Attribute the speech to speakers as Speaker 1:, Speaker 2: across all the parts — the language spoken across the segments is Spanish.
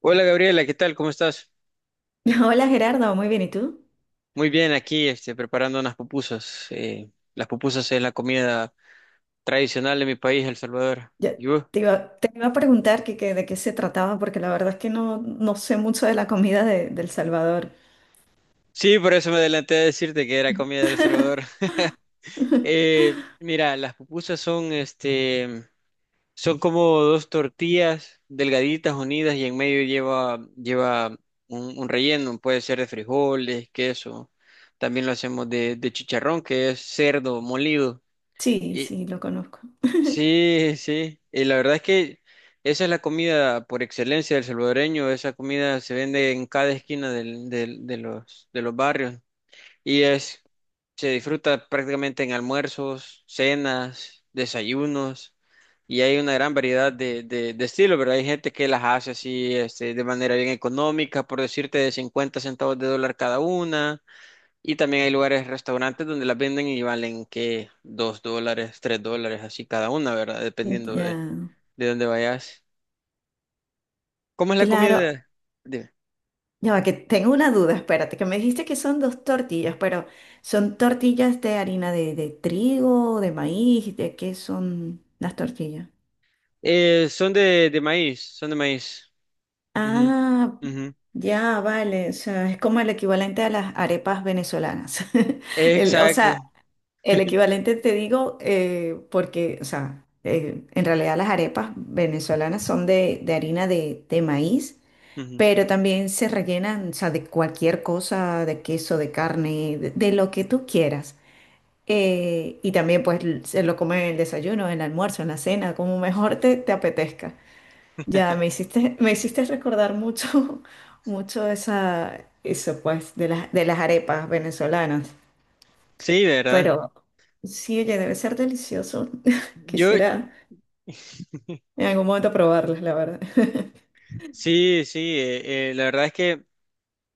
Speaker 1: Hola Gabriela, ¿qué tal? ¿Cómo estás?
Speaker 2: Hola Gerardo, muy bien, ¿y tú?
Speaker 1: Muy bien, aquí preparando unas pupusas. Las pupusas es la comida tradicional de mi país, El Salvador.
Speaker 2: Yo
Speaker 1: ¿Y vos?
Speaker 2: te iba a preguntar de qué se trataba, porque la verdad es que no sé mucho de la comida de El Salvador.
Speaker 1: Sí, por eso me adelanté a decirte que era comida de El Salvador. Mira, las pupusas son, son como dos tortillas delgaditas unidas y en medio lleva un relleno. Puede ser de frijoles, queso. También lo hacemos de chicharrón, que es cerdo molido.
Speaker 2: Sí, sí, lo conozco.
Speaker 1: Sí, sí, y la verdad es que esa es la comida por excelencia del salvadoreño. Esa comida se vende en cada esquina de los barrios y es, se disfruta prácticamente en almuerzos, cenas, desayunos, y hay una gran variedad de estilos, ¿verdad? Hay gente que las hace así, de manera bien económica, por decirte, de 50 centavos de dólar cada una. Y también hay lugares, restaurantes donde las venden y valen que $2, $3, así cada una, ¿verdad? Dependiendo de,
Speaker 2: Ya,
Speaker 1: de dónde vayas. ¿Cómo es la
Speaker 2: claro.
Speaker 1: comida? Dime.
Speaker 2: Ya va, que tengo una duda, espérate, que me dijiste que son dos tortillas, pero ¿son tortillas de harina de trigo, de maíz? ¿De qué son las tortillas?
Speaker 1: Son de maíz, son de maíz. Ujú,
Speaker 2: Ah,
Speaker 1: ujú.
Speaker 2: ya, vale, o sea, es como el equivalente a las arepas venezolanas. O
Speaker 1: Exacto.
Speaker 2: sea, el equivalente te digo, porque, o sea, en realidad las arepas venezolanas son de harina de maíz,
Speaker 1: Ujú.
Speaker 2: pero también se rellenan, o sea, de cualquier cosa, de queso, de carne, de lo que tú quieras. Y también pues se lo comen en el desayuno, en el almuerzo, en la cena, como mejor te apetezca. Ya me hiciste, me hiciste recordar mucho, mucho esa, eso pues, de las arepas venezolanas.
Speaker 1: Sí, ¿verdad?
Speaker 2: Pero. Sí, oye, debe ser delicioso.
Speaker 1: Yo,
Speaker 2: Quisiera en algún momento probarlas, la verdad.
Speaker 1: sí, sí, la verdad es que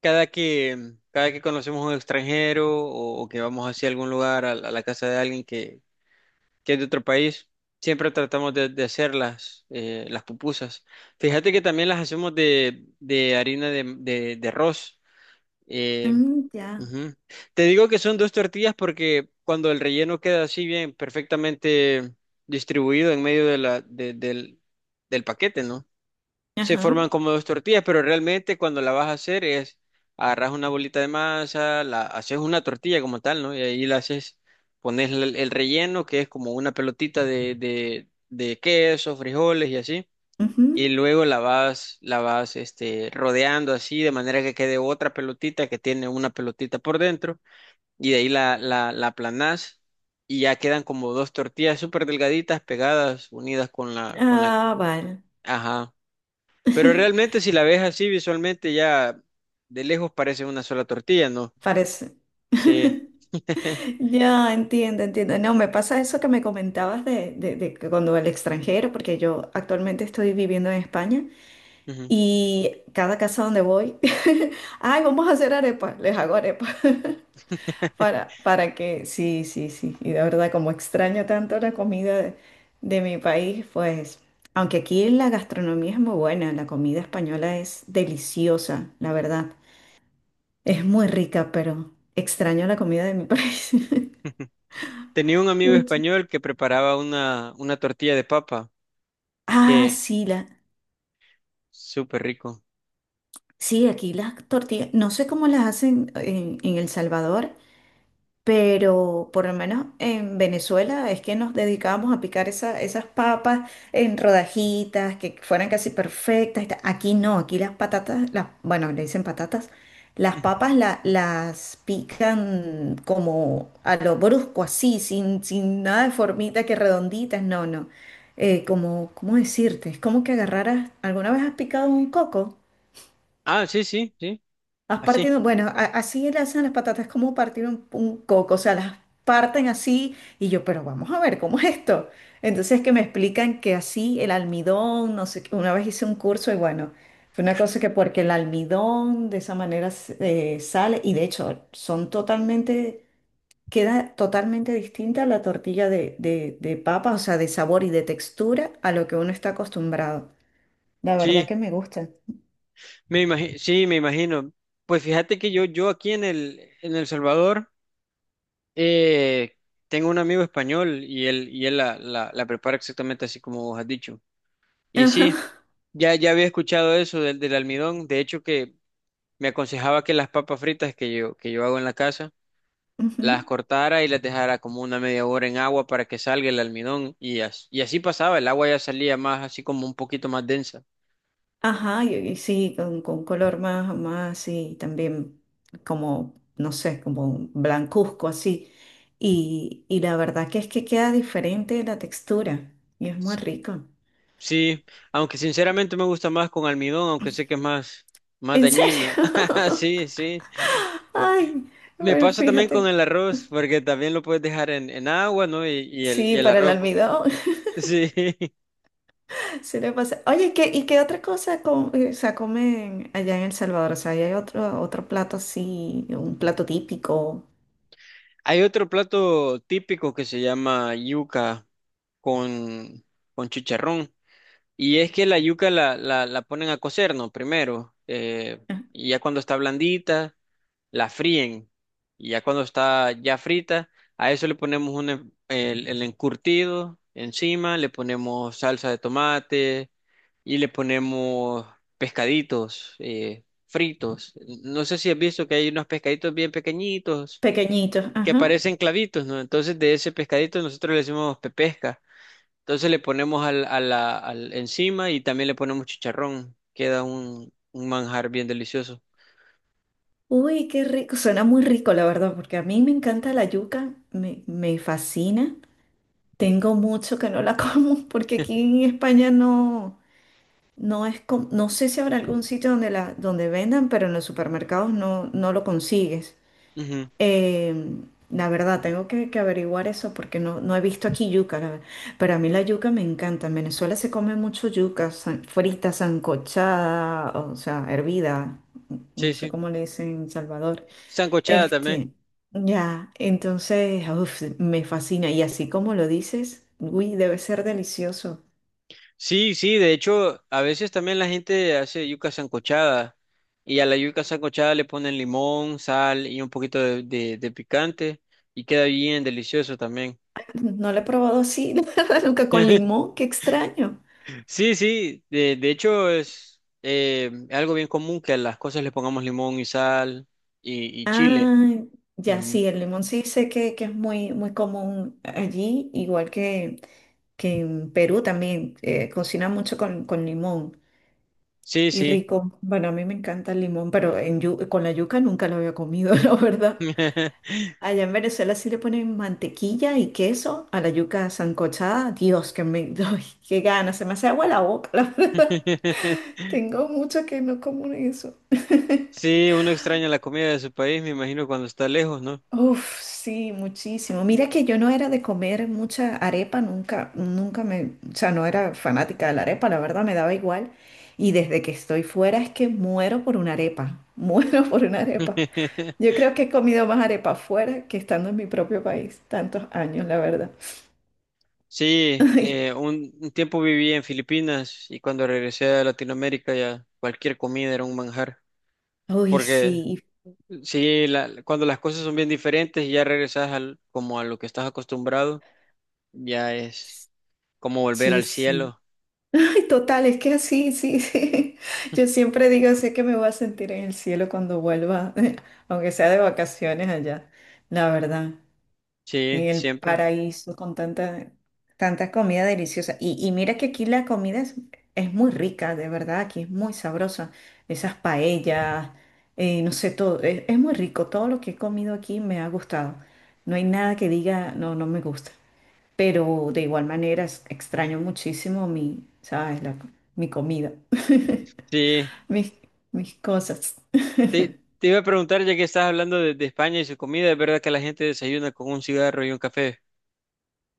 Speaker 1: cada que conocemos a un extranjero, o que vamos hacia algún lugar, a la casa de alguien que es de otro país, siempre tratamos de hacer las pupusas. Fíjate que también las hacemos de harina de arroz. Eh,
Speaker 2: Mm, ya.
Speaker 1: Ujú. Te digo que son dos tortillas porque cuando el relleno queda así bien, perfectamente distribuido en medio de la, de- del, del paquete, ¿no? Se
Speaker 2: Ajá.
Speaker 1: forman como dos tortillas, pero realmente cuando la vas a hacer es: agarras una bolita de masa, la haces una tortilla como tal, ¿no? Y ahí la haces, pones el relleno, que es como una pelotita de queso, frijoles y así. Y
Speaker 2: Ujú.
Speaker 1: luego la vas, rodeando así, de manera que quede otra pelotita que tiene una pelotita por dentro. Y de ahí la aplanás y ya quedan como dos tortillas súper delgaditas pegadas, unidas con la.
Speaker 2: Ah, vale.
Speaker 1: Ajá. Pero realmente si la ves así visualmente, ya de lejos parece una sola tortilla, ¿no?
Speaker 2: Parece.
Speaker 1: Sí.
Speaker 2: Ya entiendo, entiendo. No, me pasa eso que me comentabas de que cuando el extranjero, porque yo actualmente estoy viviendo en España
Speaker 1: Ujú.
Speaker 2: y cada casa donde voy, ay, vamos a hacer arepas, les hago arepas. Para que, sí, sí, sí. Y de verdad, como extraño tanto la comida de mi país, pues, aunque aquí la gastronomía es muy buena, la comida española es deliciosa, la verdad. Es muy rica, pero extraño la comida de mi país.
Speaker 1: Tenía un amigo
Speaker 2: Mucho.
Speaker 1: español que preparaba una tortilla de papa,
Speaker 2: Ah,
Speaker 1: que
Speaker 2: sí, la,
Speaker 1: súper rico.
Speaker 2: sí, aquí las tortillas, no sé cómo las hacen en El Salvador. Pero por lo menos en Venezuela es que nos dedicábamos a picar esas papas en rodajitas que fueran casi perfectas. Y tal. Aquí no, aquí las patatas, las, bueno, le dicen patatas, las
Speaker 1: Ujú.
Speaker 2: papas las pican como a lo brusco, así, sin nada de formita que redonditas, no, no. ¿Cómo decirte? Es como que agarraras, ¿alguna vez has picado un coco?
Speaker 1: Ah, sí, sí, sí,
Speaker 2: Has
Speaker 1: así.
Speaker 2: partido, bueno, así le hacen las patatas, es como partir un coco, o sea, las parten así y yo, pero vamos a ver, ¿cómo es esto? Entonces que me explican que así el almidón, no sé, qué, una vez hice un curso y bueno, fue una cosa que porque el almidón de esa manera sale y de hecho son totalmente, queda totalmente distinta la tortilla de papa, o sea, de sabor y de textura a lo que uno está acostumbrado. La verdad
Speaker 1: Sí,
Speaker 2: que me gusta.
Speaker 1: sí, me imagino. Pues fíjate que yo aquí en El Salvador eh, tengo un amigo español, y él la prepara exactamente así como vos has dicho. Y sí,
Speaker 2: Ajá.
Speaker 1: ya había escuchado eso del almidón. De hecho, que me aconsejaba que las papas fritas que yo hago en la casa,
Speaker 2: Ujú.
Speaker 1: las cortara y las dejara como una media hora en agua para que salga el almidón. Y, as- y así pasaba, el agua ya salía más, así como un poquito más densa.
Speaker 2: Ajá, y, sí, con color más, más así, también como, no sé, como blancuzco así. Y la verdad que es que queda diferente la textura y es muy rico.
Speaker 1: Sí, aunque sinceramente me gusta más con almidón, aunque sé que es más, más
Speaker 2: ¿En
Speaker 1: dañino.
Speaker 2: serio?
Speaker 1: Sí, sí.
Speaker 2: Ay,
Speaker 1: Me
Speaker 2: bueno,
Speaker 1: pasa también con
Speaker 2: fíjate.
Speaker 1: el arroz, porque también lo puedes dejar en agua, ¿no? Y, y el, y
Speaker 2: Sí,
Speaker 1: el
Speaker 2: para el
Speaker 1: arroz, pues.
Speaker 2: almidón.
Speaker 1: Sí.
Speaker 2: Se le pasa. Oye, ¿qué, y qué otra cosa o sea, comen allá en El Salvador? O sea, ¿y hay otro plato así, un plato típico?
Speaker 1: Hay otro plato típico que se llama yuca con, con chicharrón. Y es que la yuca la ponen a cocer, ¿no? Primero.
Speaker 2: Ah,
Speaker 1: Y ya cuando está blandita, la fríen. Y ya cuando está ya frita, a eso le ponemos el encurtido encima, le ponemos salsa de tomate y le ponemos pescaditos fritos. No sé si has visto que hay unos pescaditos bien pequeñitos
Speaker 2: pequeñito.
Speaker 1: que
Speaker 2: Ajá.
Speaker 1: parecen clavitos, ¿no? Entonces de ese pescadito nosotros le decimos pepesca. Entonces le ponemos al, a la, al encima y también le ponemos chicharrón. Queda un manjar bien delicioso.
Speaker 2: Uy, qué rico, suena muy rico la verdad, porque a mí me encanta la yuca, me fascina. Tengo mucho que no la como, porque aquí en España no es, no sé si habrá algún sitio donde la, donde vendan, pero en los supermercados no lo consigues.
Speaker 1: Ujú.
Speaker 2: Eh, la verdad, tengo que averiguar eso porque no he visto aquí yuca, la verdad. Pero a mí la yuca me encanta. En Venezuela se come mucho yuca, frita, sancochada, o sea, hervida, no
Speaker 1: Sí,
Speaker 2: sé
Speaker 1: sí.
Speaker 2: cómo le dicen en Salvador.
Speaker 1: Sancochada también.
Speaker 2: Este, ya, entonces, uf, me fascina. Y así como lo dices, uy, debe ser delicioso.
Speaker 1: Sí, sí, de hecho, a veces también la gente hace yuca sancochada y a la yuca sancochada le ponen limón, sal y un poquito de picante y queda bien delicioso también.
Speaker 2: No lo he probado así, la verdad, nunca con limón, qué extraño.
Speaker 1: Sí, sí, de hecho es, algo bien común que a las cosas le pongamos limón y sal y chile.
Speaker 2: Ah, ya,
Speaker 1: Ujú.
Speaker 2: sí, el limón sí sé que es muy, muy común allí, igual que en Perú también, cocinan mucho con limón.
Speaker 1: Sí,
Speaker 2: Y
Speaker 1: sí.
Speaker 2: rico. Bueno, a mí me encanta el limón, pero en con la yuca nunca lo había comido, la verdad. Allá en Venezuela sí le ponen mantequilla y queso a la yuca sancochada. Dios, que me, ay, qué gana, se me hace agua la boca, la verdad. Tengo mucho que no como eso.
Speaker 1: Sí, uno extraña la comida de su país, me imagino, cuando está lejos, ¿no?
Speaker 2: Uf, sí, muchísimo. Mira que yo no era de comer mucha arepa, nunca, nunca me, o sea, no era fanática de la arepa, la verdad me daba igual. Y desde que estoy fuera es que muero por una arepa, muero por una arepa. Yo creo que he comido más arepa fuera que estando en mi propio país, tantos años, la verdad.
Speaker 1: Sí, un tiempo viví en Filipinas y cuando regresé a Latinoamérica ya cualquier comida era un manjar,
Speaker 2: Uy,
Speaker 1: porque
Speaker 2: sí.
Speaker 1: sí, la- cuando las cosas son bien diferentes y ya regresas al, como a lo que estás acostumbrado, ya es como volver
Speaker 2: Sí,
Speaker 1: al
Speaker 2: sí.
Speaker 1: cielo.
Speaker 2: Ay, total, es que así, sí, sí. Yo siempre digo, sé que me voy a sentir en el cielo cuando vuelva, aunque sea de vacaciones allá, la verdad.
Speaker 1: Sí,
Speaker 2: Y el
Speaker 1: siempre.
Speaker 2: paraíso con tanta, tanta comida deliciosa. Y mira que aquí la comida es muy rica, de verdad, aquí es muy sabrosa. Esas paellas, no sé, todo, es muy rico. Todo lo que he comido aquí me ha gustado. No hay nada que diga, no, me gusta, pero de igual manera extraño muchísimo mi, ¿sabes? Mi comida,
Speaker 1: Sí.
Speaker 2: mis, mis cosas.
Speaker 1: Te iba a preguntar, ya que estás hablando de España y su comida, ¿es verdad que la gente desayuna con un cigarro y un café?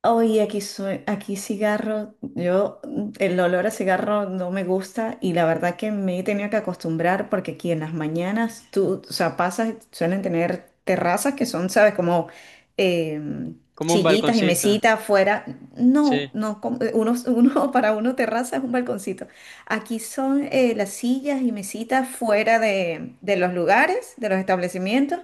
Speaker 2: Oye, aquí soy, aquí cigarro, yo el olor a cigarro no me gusta y la verdad que me he tenido que acostumbrar porque aquí en las mañanas tú, o sea, pasas, suelen tener terrazas que son, sabes, como eh,
Speaker 1: Como un
Speaker 2: sillitas y
Speaker 1: balconcito.
Speaker 2: mesitas afuera.
Speaker 1: Sí.
Speaker 2: No, no, uno, uno para uno terraza es un balconcito. Aquí son las sillas y mesitas fuera de los lugares, de los establecimientos.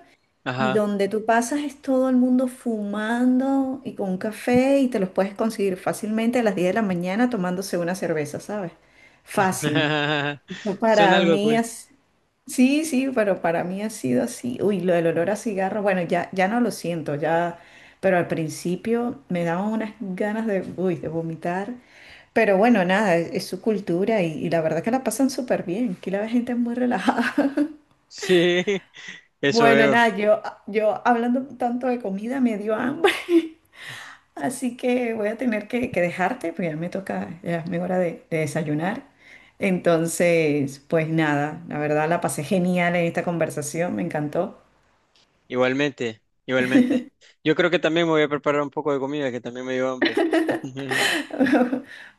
Speaker 2: Y
Speaker 1: Ajá.
Speaker 2: donde tú pasas es todo el mundo fumando y con un café y te los puedes conseguir fácilmente a las 10 de la mañana tomándose una cerveza, ¿sabes? Fácil. Pues
Speaker 1: Suena
Speaker 2: para
Speaker 1: algo
Speaker 2: mí
Speaker 1: cool.
Speaker 2: es... Sí, sí, pero para mí ha sido así. Uy, lo del olor a cigarro, bueno, ya, ya no lo siento, ya, pero al principio me daban unas ganas de, uy, de vomitar. Pero bueno, nada, es su cultura y la verdad que la pasan súper bien. Aquí la gente es muy relajada.
Speaker 1: Sí, eso
Speaker 2: Bueno,
Speaker 1: veo.
Speaker 2: nada, yo hablando tanto de comida me dio hambre. Así que voy a tener que dejarte, pues ya me toca, ya es mi hora de desayunar. Entonces, pues nada, la verdad la pasé genial en esta conversación, me encantó.
Speaker 1: Igualmente, igualmente. Yo creo que también me voy a preparar un poco de comida, que también me dio hambre.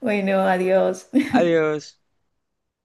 Speaker 2: Bueno, adiós.
Speaker 1: Adiós.